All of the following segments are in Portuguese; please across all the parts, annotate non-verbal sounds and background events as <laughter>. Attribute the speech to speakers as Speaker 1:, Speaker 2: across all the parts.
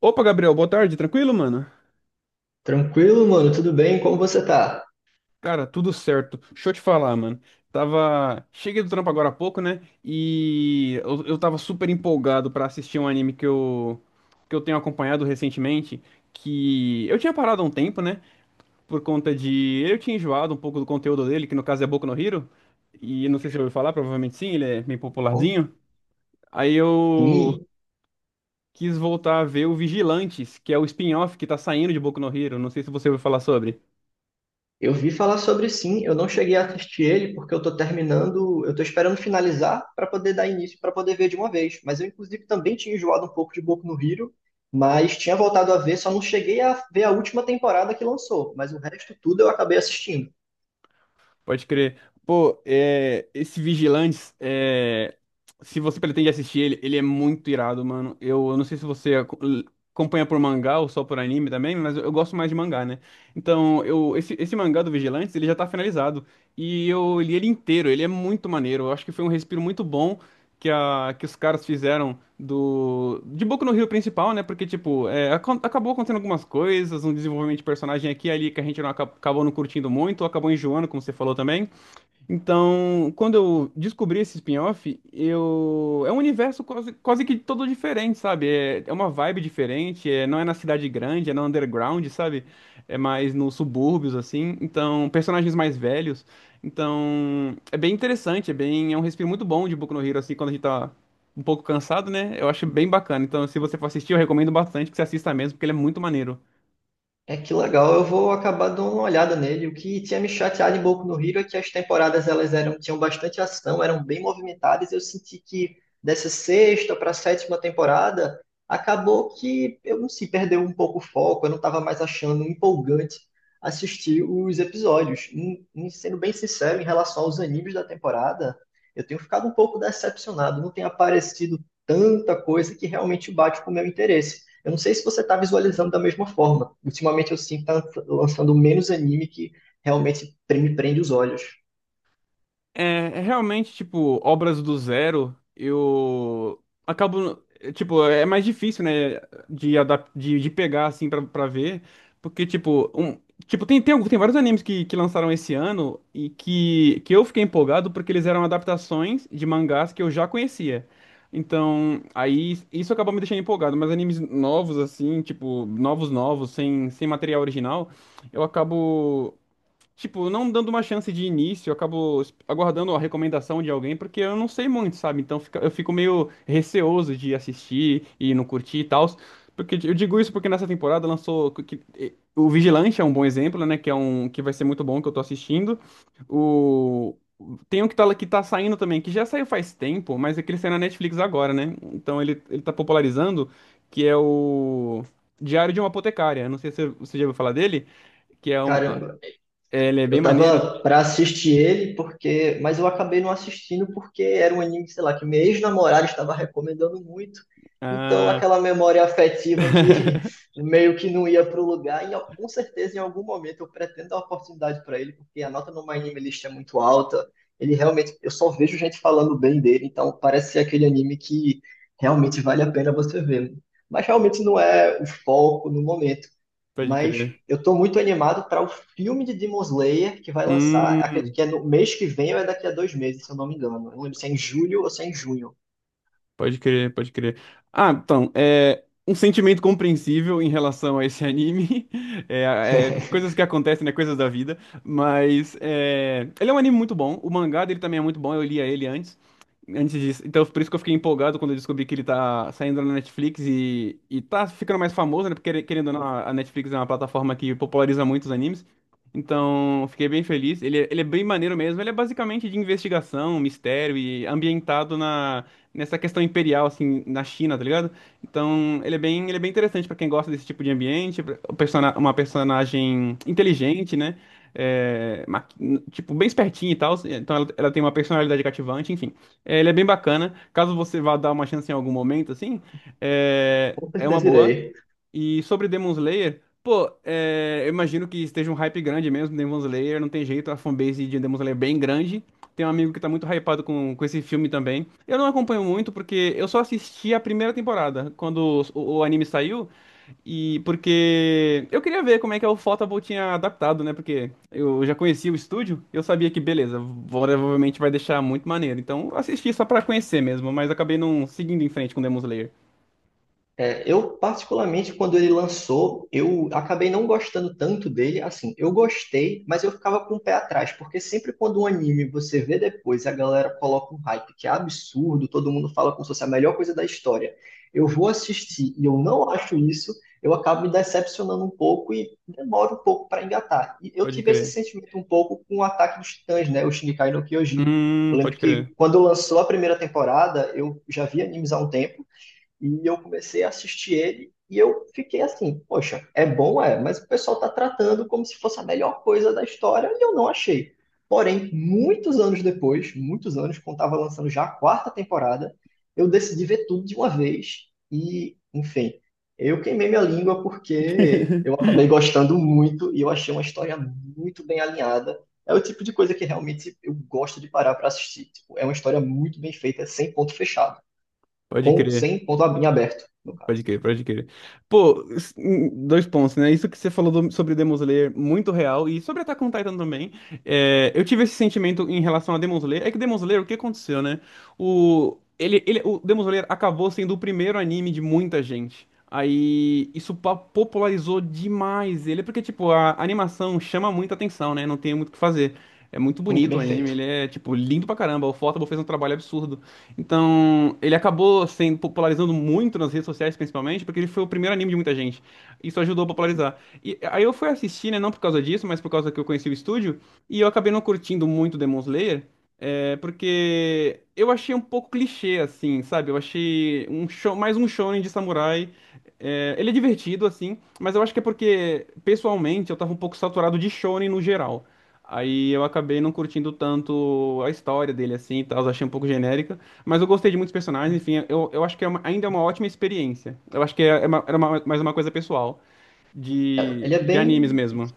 Speaker 1: Opa, Gabriel, boa tarde, tranquilo, mano?
Speaker 2: Tranquilo, mano, tudo bem? Como você tá?
Speaker 1: Cara, tudo certo. Deixa eu te falar, mano. Tava. Cheguei do trampo agora há pouco, né? E eu tava super empolgado pra assistir um anime que eu tenho acompanhado recentemente. Que eu tinha parado há um tempo, né? Por conta de. Eu tinha enjoado um pouco do conteúdo dele, que no caso é Boku no Hero. E não sei se eu ouviu falar, provavelmente sim, ele é bem
Speaker 2: Bom,
Speaker 1: popularzinho. Aí eu
Speaker 2: sim,
Speaker 1: quis voltar a ver o Vigilantes, que é o spin-off que tá saindo de Boku no Hero. Não sei se você ouviu falar sobre.
Speaker 2: eu vi falar sobre sim, eu não cheguei a assistir ele porque eu tô terminando, eu tô esperando finalizar pra poder dar início, pra poder ver de uma vez. Mas eu, inclusive, também tinha enjoado um pouco de Boku no Hero, mas tinha voltado a ver, só não cheguei a ver a última temporada que lançou, mas o resto tudo eu acabei assistindo.
Speaker 1: Pode crer. Pô, é, esse Vigilantes, é, se você pretende assistir ele, ele é muito irado, mano. Eu não sei se você acompanha por mangá ou só por anime também, mas eu gosto mais de mangá, né? Então, eu, esse mangá do Vigilantes, ele já tá finalizado. E eu li ele inteiro, ele é muito maneiro. Eu acho que foi um respiro muito bom que os caras fizeram do de Boku no Rio principal, né? Porque, tipo, é, acabou acontecendo algumas coisas, um desenvolvimento de personagem aqui e ali que a gente acabou não curtindo muito, ou acabou enjoando, como você falou também. Então, quando eu descobri esse spin-off, eu é um universo quase, quase que todo diferente, sabe? É, é uma vibe diferente, é... não é na cidade grande, é no underground, sabe? É mais nos subúrbios, assim. Então, personagens mais velhos. Então, é bem interessante, é bem é um respiro muito bom de Boku no Hero, assim, quando a gente tá um pouco cansado, né? Eu acho bem bacana. Então, se você for assistir, eu recomendo bastante que você assista mesmo, porque ele é muito maneiro.
Speaker 2: É que legal, eu vou acabar dando uma olhada nele. O que tinha me chateado um pouco no Hero é que as temporadas elas eram, tinham bastante ação, eram bem movimentadas. Eu senti que dessa sexta para a sétima temporada acabou que eu não sei, perdeu um pouco o foco. Eu não estava mais achando empolgante assistir os episódios. E sendo bem sincero, em relação aos animes da temporada, eu tenho ficado um pouco decepcionado. Não tem aparecido tanta coisa que realmente bate com o meu interesse. Eu não sei se você está visualizando da mesma forma. Ultimamente eu sinto que tá lançando menos anime que realmente me prende os olhos.
Speaker 1: É, é realmente, tipo, obras do zero, eu acabo, é, tipo, é mais difícil, né, de pegar, assim, pra ver, porque, tipo, um, tipo tem vários animes que lançaram esse ano e que eu fiquei empolgado porque eles eram adaptações de mangás que eu já conhecia. Então, aí, isso acabou me deixando empolgado, mas animes novos, assim, tipo, novos, novos, sem material original, eu acabo. Tipo, não dando uma chance de início, eu acabo aguardando a recomendação de alguém, porque eu não sei muito, sabe? Eu fico meio receoso de assistir e não curtir e tal. Porque eu digo isso porque nessa temporada lançou. O Vigilante é um bom exemplo, né? Que é um que vai ser muito bom que eu tô assistindo. O. Tem um que tá, que tá saindo também, que já saiu faz tempo, mas é que ele saiu na Netflix agora, né? Então ele tá popularizando, que é o Diário de uma Apotecária. Não sei se você já ouviu falar dele, que é um,
Speaker 2: Caramba,
Speaker 1: é, ele é bem
Speaker 2: eu
Speaker 1: maneiro.
Speaker 2: tava pra assistir ele porque, mas eu acabei não assistindo porque era um anime, sei lá, que minha ex-namorada estava recomendando muito. Então
Speaker 1: Ah,
Speaker 2: aquela memória afetiva que <laughs> meio que não ia pro lugar e ó, com certeza em algum momento eu pretendo dar uma oportunidade para ele porque a nota no My Anime List é muito alta. Ele realmente, eu só vejo gente falando bem dele, então parece ser aquele anime que realmente vale a pena você ver. Mas realmente não é o foco no momento.
Speaker 1: pode
Speaker 2: Mas
Speaker 1: crer.
Speaker 2: eu tô muito animado para o filme de Demon Slayer que vai lançar, acredito
Speaker 1: Hum,
Speaker 2: que é no mês que vem ou é daqui a 2 meses, se eu não me engano. Eu não lembro se é em julho ou se é em junho.
Speaker 1: Pode crer, pode crer. Ah, então, é um sentimento compreensível em relação a esse anime. <laughs> É, é, coisas
Speaker 2: <laughs>
Speaker 1: que acontecem, né? Coisas da vida. Mas é, ele é um anime muito bom. O mangá dele também é muito bom. Eu lia ele antes, antes disso. Então, por isso que eu fiquei empolgado quando eu descobri que ele tá saindo na Netflix e tá ficando mais famoso, né? Porque, querendo ou não, a Netflix é uma plataforma que populariza muitos animes. Então, eu fiquei bem feliz. Ele é bem maneiro mesmo. Ele é basicamente de investigação, mistério e ambientado na nessa questão imperial, assim, na China, tá ligado? Então, ele é bem interessante pra quem gosta desse tipo de ambiente, uma personagem inteligente, né? É, ma- tipo, bem espertinha e tal. Então, ela tem uma personalidade cativante, enfim. É, ele é bem bacana. Caso você vá dar uma chance em algum momento, assim, é,
Speaker 2: Com
Speaker 1: é uma
Speaker 2: certeza
Speaker 1: boa.
Speaker 2: irei.
Speaker 1: E sobre Demon Slayer, pô, é, eu imagino que esteja um hype grande mesmo, Demon Slayer, não tem jeito, a fanbase de Demon Slayer é bem grande. Tem um amigo que tá muito hypado com esse filme também. Eu não acompanho muito porque eu só assisti a primeira temporada, quando o anime saiu, e porque eu queria ver como é que o Photable tinha adaptado, né? Porque eu já conhecia o estúdio, eu sabia que, beleza, provavelmente vai deixar muito maneiro. Então eu assisti só pra conhecer mesmo, mas acabei não seguindo em frente com Demon Slayer.
Speaker 2: É, eu, particularmente, quando ele lançou, eu acabei não gostando tanto dele. Assim, eu gostei, mas eu ficava com o pé atrás, porque sempre quando um anime você vê depois, a galera coloca um hype que é absurdo, todo mundo fala como se fosse a melhor coisa da história. Eu vou assistir e eu não acho isso, eu acabo me decepcionando um pouco e demoro um pouco para engatar. E eu
Speaker 1: Pode
Speaker 2: tive esse
Speaker 1: crer.
Speaker 2: sentimento um pouco com o Ataque dos Titãs, né? O Shingeki no Kyojin. Eu lembro
Speaker 1: Pode crer.
Speaker 2: que quando lançou a primeira temporada, eu já vi animes há um tempo. E eu comecei a assistir ele e eu fiquei assim, poxa, é bom, é, mas o pessoal tá tratando como se fosse a melhor coisa da história e eu não achei. Porém, muitos anos depois, muitos anos, quando estava lançando já a quarta temporada, eu decidi ver tudo de uma vez e, enfim, eu queimei minha língua porque eu acabei
Speaker 1: <laughs>
Speaker 2: gostando muito e eu achei uma história muito bem alinhada. É o tipo de coisa que realmente eu gosto de parar para assistir. Tipo, é uma história muito bem feita, sem ponto fechado
Speaker 1: Pode
Speaker 2: com
Speaker 1: crer,
Speaker 2: sem ponto aberto, no
Speaker 1: pode
Speaker 2: caso.
Speaker 1: crer, pode crer. Pô, dois pontos, né? Isso que você falou sobre Demon Slayer, muito real, e sobre Attack on Titan também. É, eu tive esse sentimento em relação a Demon Slayer. É que Demon Slayer, o que aconteceu, né? O Demon Slayer acabou sendo o primeiro anime de muita gente. Aí popularizou demais ele, porque, tipo, a animação chama muita atenção, né? Não tem muito o que fazer. É muito
Speaker 2: Muito
Speaker 1: bonito o
Speaker 2: bem
Speaker 1: anime,
Speaker 2: feito.
Speaker 1: ele é, tipo, lindo pra caramba. O fotobo fez um trabalho absurdo. Então, ele acabou sendo popularizando muito nas redes sociais, principalmente, porque ele foi o primeiro anime de muita gente. Isso ajudou a popularizar. E aí eu fui assistir, né, não por causa disso, mas por causa que eu conheci o estúdio, e eu acabei não curtindo muito Demon Slayer, é, porque eu achei um pouco clichê, assim, sabe? Eu achei um show, mais um shonen de samurai. É, ele é divertido, assim, mas eu acho que é porque, pessoalmente, eu tava um pouco saturado de shonen no geral. Aí eu acabei não curtindo tanto a história dele, assim, e tal, eu achei um pouco genérica. Mas eu gostei de muitos personagens, enfim, eu acho que é ainda é uma ótima experiência. Eu acho que é, é mais uma coisa pessoal,
Speaker 2: Ele é
Speaker 1: de animes
Speaker 2: bem,
Speaker 1: mesmo.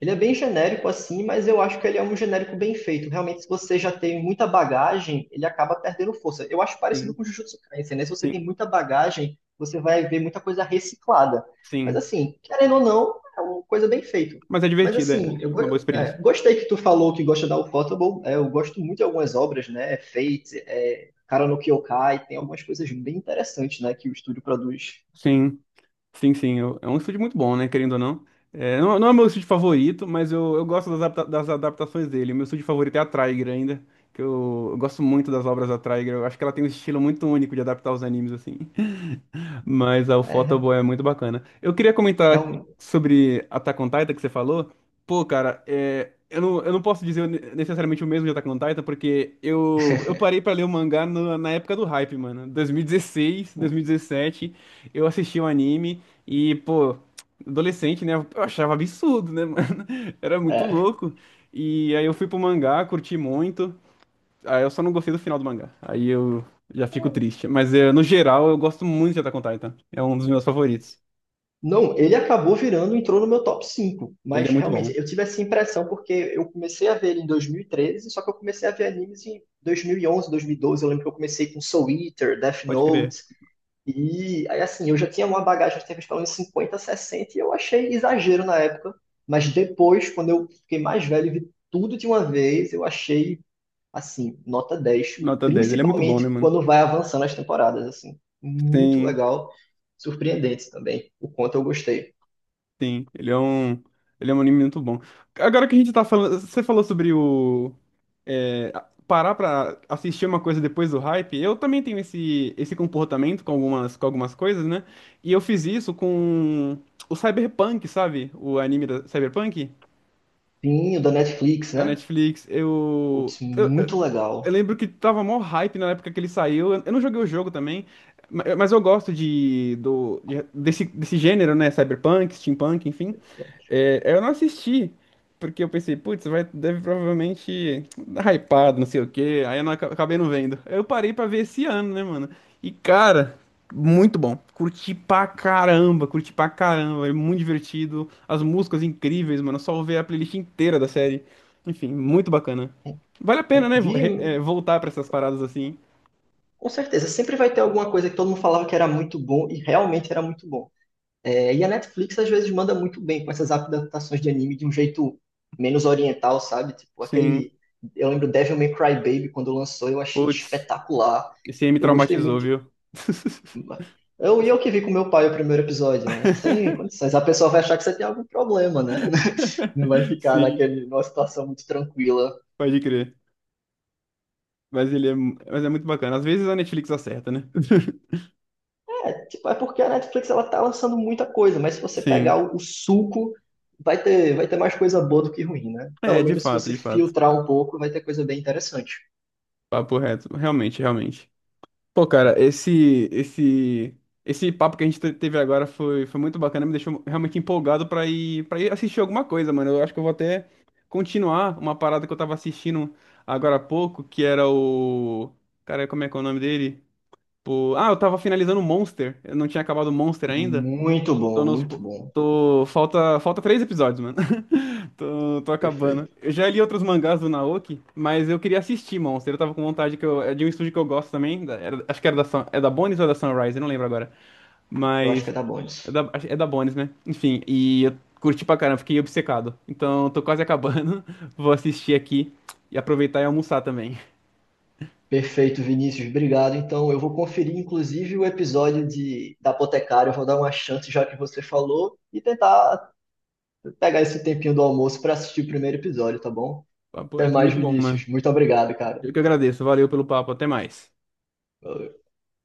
Speaker 2: ele é bem genérico assim, mas eu acho que ele é um genérico bem feito. Realmente, se você já tem muita bagagem, ele acaba perdendo força. Eu acho parecido
Speaker 1: Sim,
Speaker 2: com o Jujutsu Kaisen, né? Se você tem
Speaker 1: sim,
Speaker 2: muita bagagem, você vai ver muita coisa reciclada. Mas
Speaker 1: sim.
Speaker 2: assim, querendo ou não, é uma coisa bem feita.
Speaker 1: Mas é
Speaker 2: Mas
Speaker 1: divertido, é
Speaker 2: assim,
Speaker 1: uma boa experiência.
Speaker 2: gostei que tu falou que gosta da Ufotable. É, eu gosto muito de algumas obras, né? É Fate, é, Cara no Kyokai, tem algumas coisas bem interessantes, né? Que o estúdio produz.
Speaker 1: Sim, sim, sim. É um estúdio muito bom, né, querendo ou não. É, não, não é meu estúdio favorito, mas eu gosto das adaptações dele. Meu estúdio favorito é a Trigger ainda, que eu gosto muito das obras da Trigger. Eu acho que ela tem um estilo muito único de adaptar os animes, assim. Mas ah, o
Speaker 2: É,
Speaker 1: Photoboy é muito bacana. Eu queria comentar
Speaker 2: realmente.
Speaker 1: sobre Attack on Titan que você falou. Pô, cara, é, eu não posso dizer necessariamente o mesmo de Attack on Titan, porque eu parei pra ler o mangá na época do hype, mano. 2016, 2017, eu assisti o anime e, pô, adolescente, né? Eu achava absurdo, né, mano? <laughs> Era muito
Speaker 2: é.
Speaker 1: louco. E aí eu fui pro mangá, curti muito. Ah, eu só não gostei do final do mangá. Aí eu já fico triste. Mas no geral, eu gosto muito de Attack on Titan. É um dos meus favoritos.
Speaker 2: Não, ele acabou virando, entrou no meu top 5.
Speaker 1: Ele é
Speaker 2: Mas
Speaker 1: muito bom.
Speaker 2: realmente eu tive essa impressão porque eu comecei a ver ele em 2013. Só que eu comecei a ver animes em dois mil e onze, 2012. Eu lembro que eu comecei com Soul Eater, Death
Speaker 1: Pode crer.
Speaker 2: Note, e aí assim, eu já tinha uma bagagem de TV pelo menos 50, 60 e eu achei exagero na época, mas depois, quando eu fiquei mais velho e vi tudo de uma vez, eu achei assim, nota 10,
Speaker 1: Nota 10. Ele é muito bom, né,
Speaker 2: principalmente
Speaker 1: mano?
Speaker 2: quando vai avançando as temporadas, assim. Muito
Speaker 1: Sim,
Speaker 2: legal, surpreendente também, o quanto eu gostei.
Speaker 1: sim. Ele é um anime muito bom. Agora que a gente tá falando. Você falou sobre o. eh, parar pra assistir uma coisa depois do hype. Eu também tenho esse comportamento com com algumas coisas, né? E eu fiz isso com o Cyberpunk, sabe? O anime da Cyberpunk
Speaker 2: Pinho da Netflix,
Speaker 1: da
Speaker 2: né?
Speaker 1: Netflix.
Speaker 2: Putz, muito
Speaker 1: Eu
Speaker 2: legal.
Speaker 1: lembro que tava mó hype na época que ele saiu. Eu não joguei o jogo também, mas eu gosto desse, desse gênero, né? Cyberpunk, steampunk, enfim. É, eu não assisti, porque eu pensei, putz, vai, deve provavelmente dar hypado, não sei o quê. Aí eu não, aca- acabei não vendo. Eu parei pra ver esse ano, né, mano? E cara, muito bom. Curti pra caramba, curti pra caramba. É muito divertido. As músicas incríveis, mano. Só ouvir a playlist inteira da série. Enfim, muito bacana. Vale a
Speaker 2: É,
Speaker 1: pena, né?
Speaker 2: vire,
Speaker 1: Voltar pra essas paradas assim.
Speaker 2: com certeza, sempre vai ter alguma coisa que todo mundo falava que era muito bom e realmente era muito bom. É, e a Netflix às vezes manda muito bem com essas adaptações de anime de um jeito menos oriental, sabe? Tipo
Speaker 1: Sim.
Speaker 2: aquele, eu lembro Devil May Cry Baby quando lançou, eu achei
Speaker 1: Putz,
Speaker 2: espetacular.
Speaker 1: esse aí me
Speaker 2: Eu gostei
Speaker 1: traumatizou,
Speaker 2: muito.
Speaker 1: viu?
Speaker 2: Eu que vi com meu pai o primeiro episódio, né? Sem
Speaker 1: <laughs>
Speaker 2: condições. A pessoa vai achar que você tem algum problema, né? <laughs> Não vai ficar
Speaker 1: Sim,
Speaker 2: naquele, numa situação muito tranquila.
Speaker 1: pode crer. Mas ele é, mas é muito bacana. Às vezes a Netflix acerta, né?
Speaker 2: É, tipo, é porque a Netflix ela tá lançando muita coisa, mas se você pegar
Speaker 1: Sim.
Speaker 2: o suco, vai ter mais coisa boa do que ruim, né?
Speaker 1: É,
Speaker 2: Pelo
Speaker 1: de
Speaker 2: menos se
Speaker 1: fato,
Speaker 2: você
Speaker 1: de fato.
Speaker 2: filtrar um pouco, vai ter coisa bem interessante.
Speaker 1: Papo reto. Realmente, realmente. Pô, cara, esse papo que a gente teve agora foi, foi muito bacana, me deixou realmente empolgado pra ir para ir assistir alguma coisa, mano. Eu acho que eu vou até continuar uma parada que eu tava assistindo agora há pouco, que era o cara, como é que é o nome dele? Pô, ah, eu tava finalizando o Monster. Eu não tinha acabado o Monster ainda.
Speaker 2: Muito
Speaker 1: Tô
Speaker 2: bom,
Speaker 1: nos
Speaker 2: muito
Speaker 1: po-
Speaker 2: bom.
Speaker 1: tô falta três episódios, mano. Tô acabando.
Speaker 2: Perfeito.
Speaker 1: Eu já li outros mangás do Naoki, mas eu queria assistir Monster. Eu tava com vontade que eu, é de um estúdio que eu gosto também. Acho que era é da Bones ou é da Sunrise, eu não lembro agora.
Speaker 2: Eu acho que é
Speaker 1: Mas
Speaker 2: da
Speaker 1: é
Speaker 2: Bones.
Speaker 1: da, é da Bones, né? Enfim, e eu curti pra caramba, fiquei obcecado. Então tô quase acabando. <laughs> Vou assistir aqui e aproveitar e almoçar também.
Speaker 2: Perfeito, Vinícius, obrigado. Então, eu vou conferir, inclusive, o episódio de, da Apotecária, eu vou dar uma chance, já que você falou, e tentar pegar esse tempinho do almoço para assistir o primeiro episódio, tá bom?
Speaker 1: Papo
Speaker 2: Até
Speaker 1: reto,
Speaker 2: mais,
Speaker 1: muito bom, mano.
Speaker 2: Vinícius. Muito obrigado, cara.
Speaker 1: Eu que agradeço. Valeu pelo papo, até mais.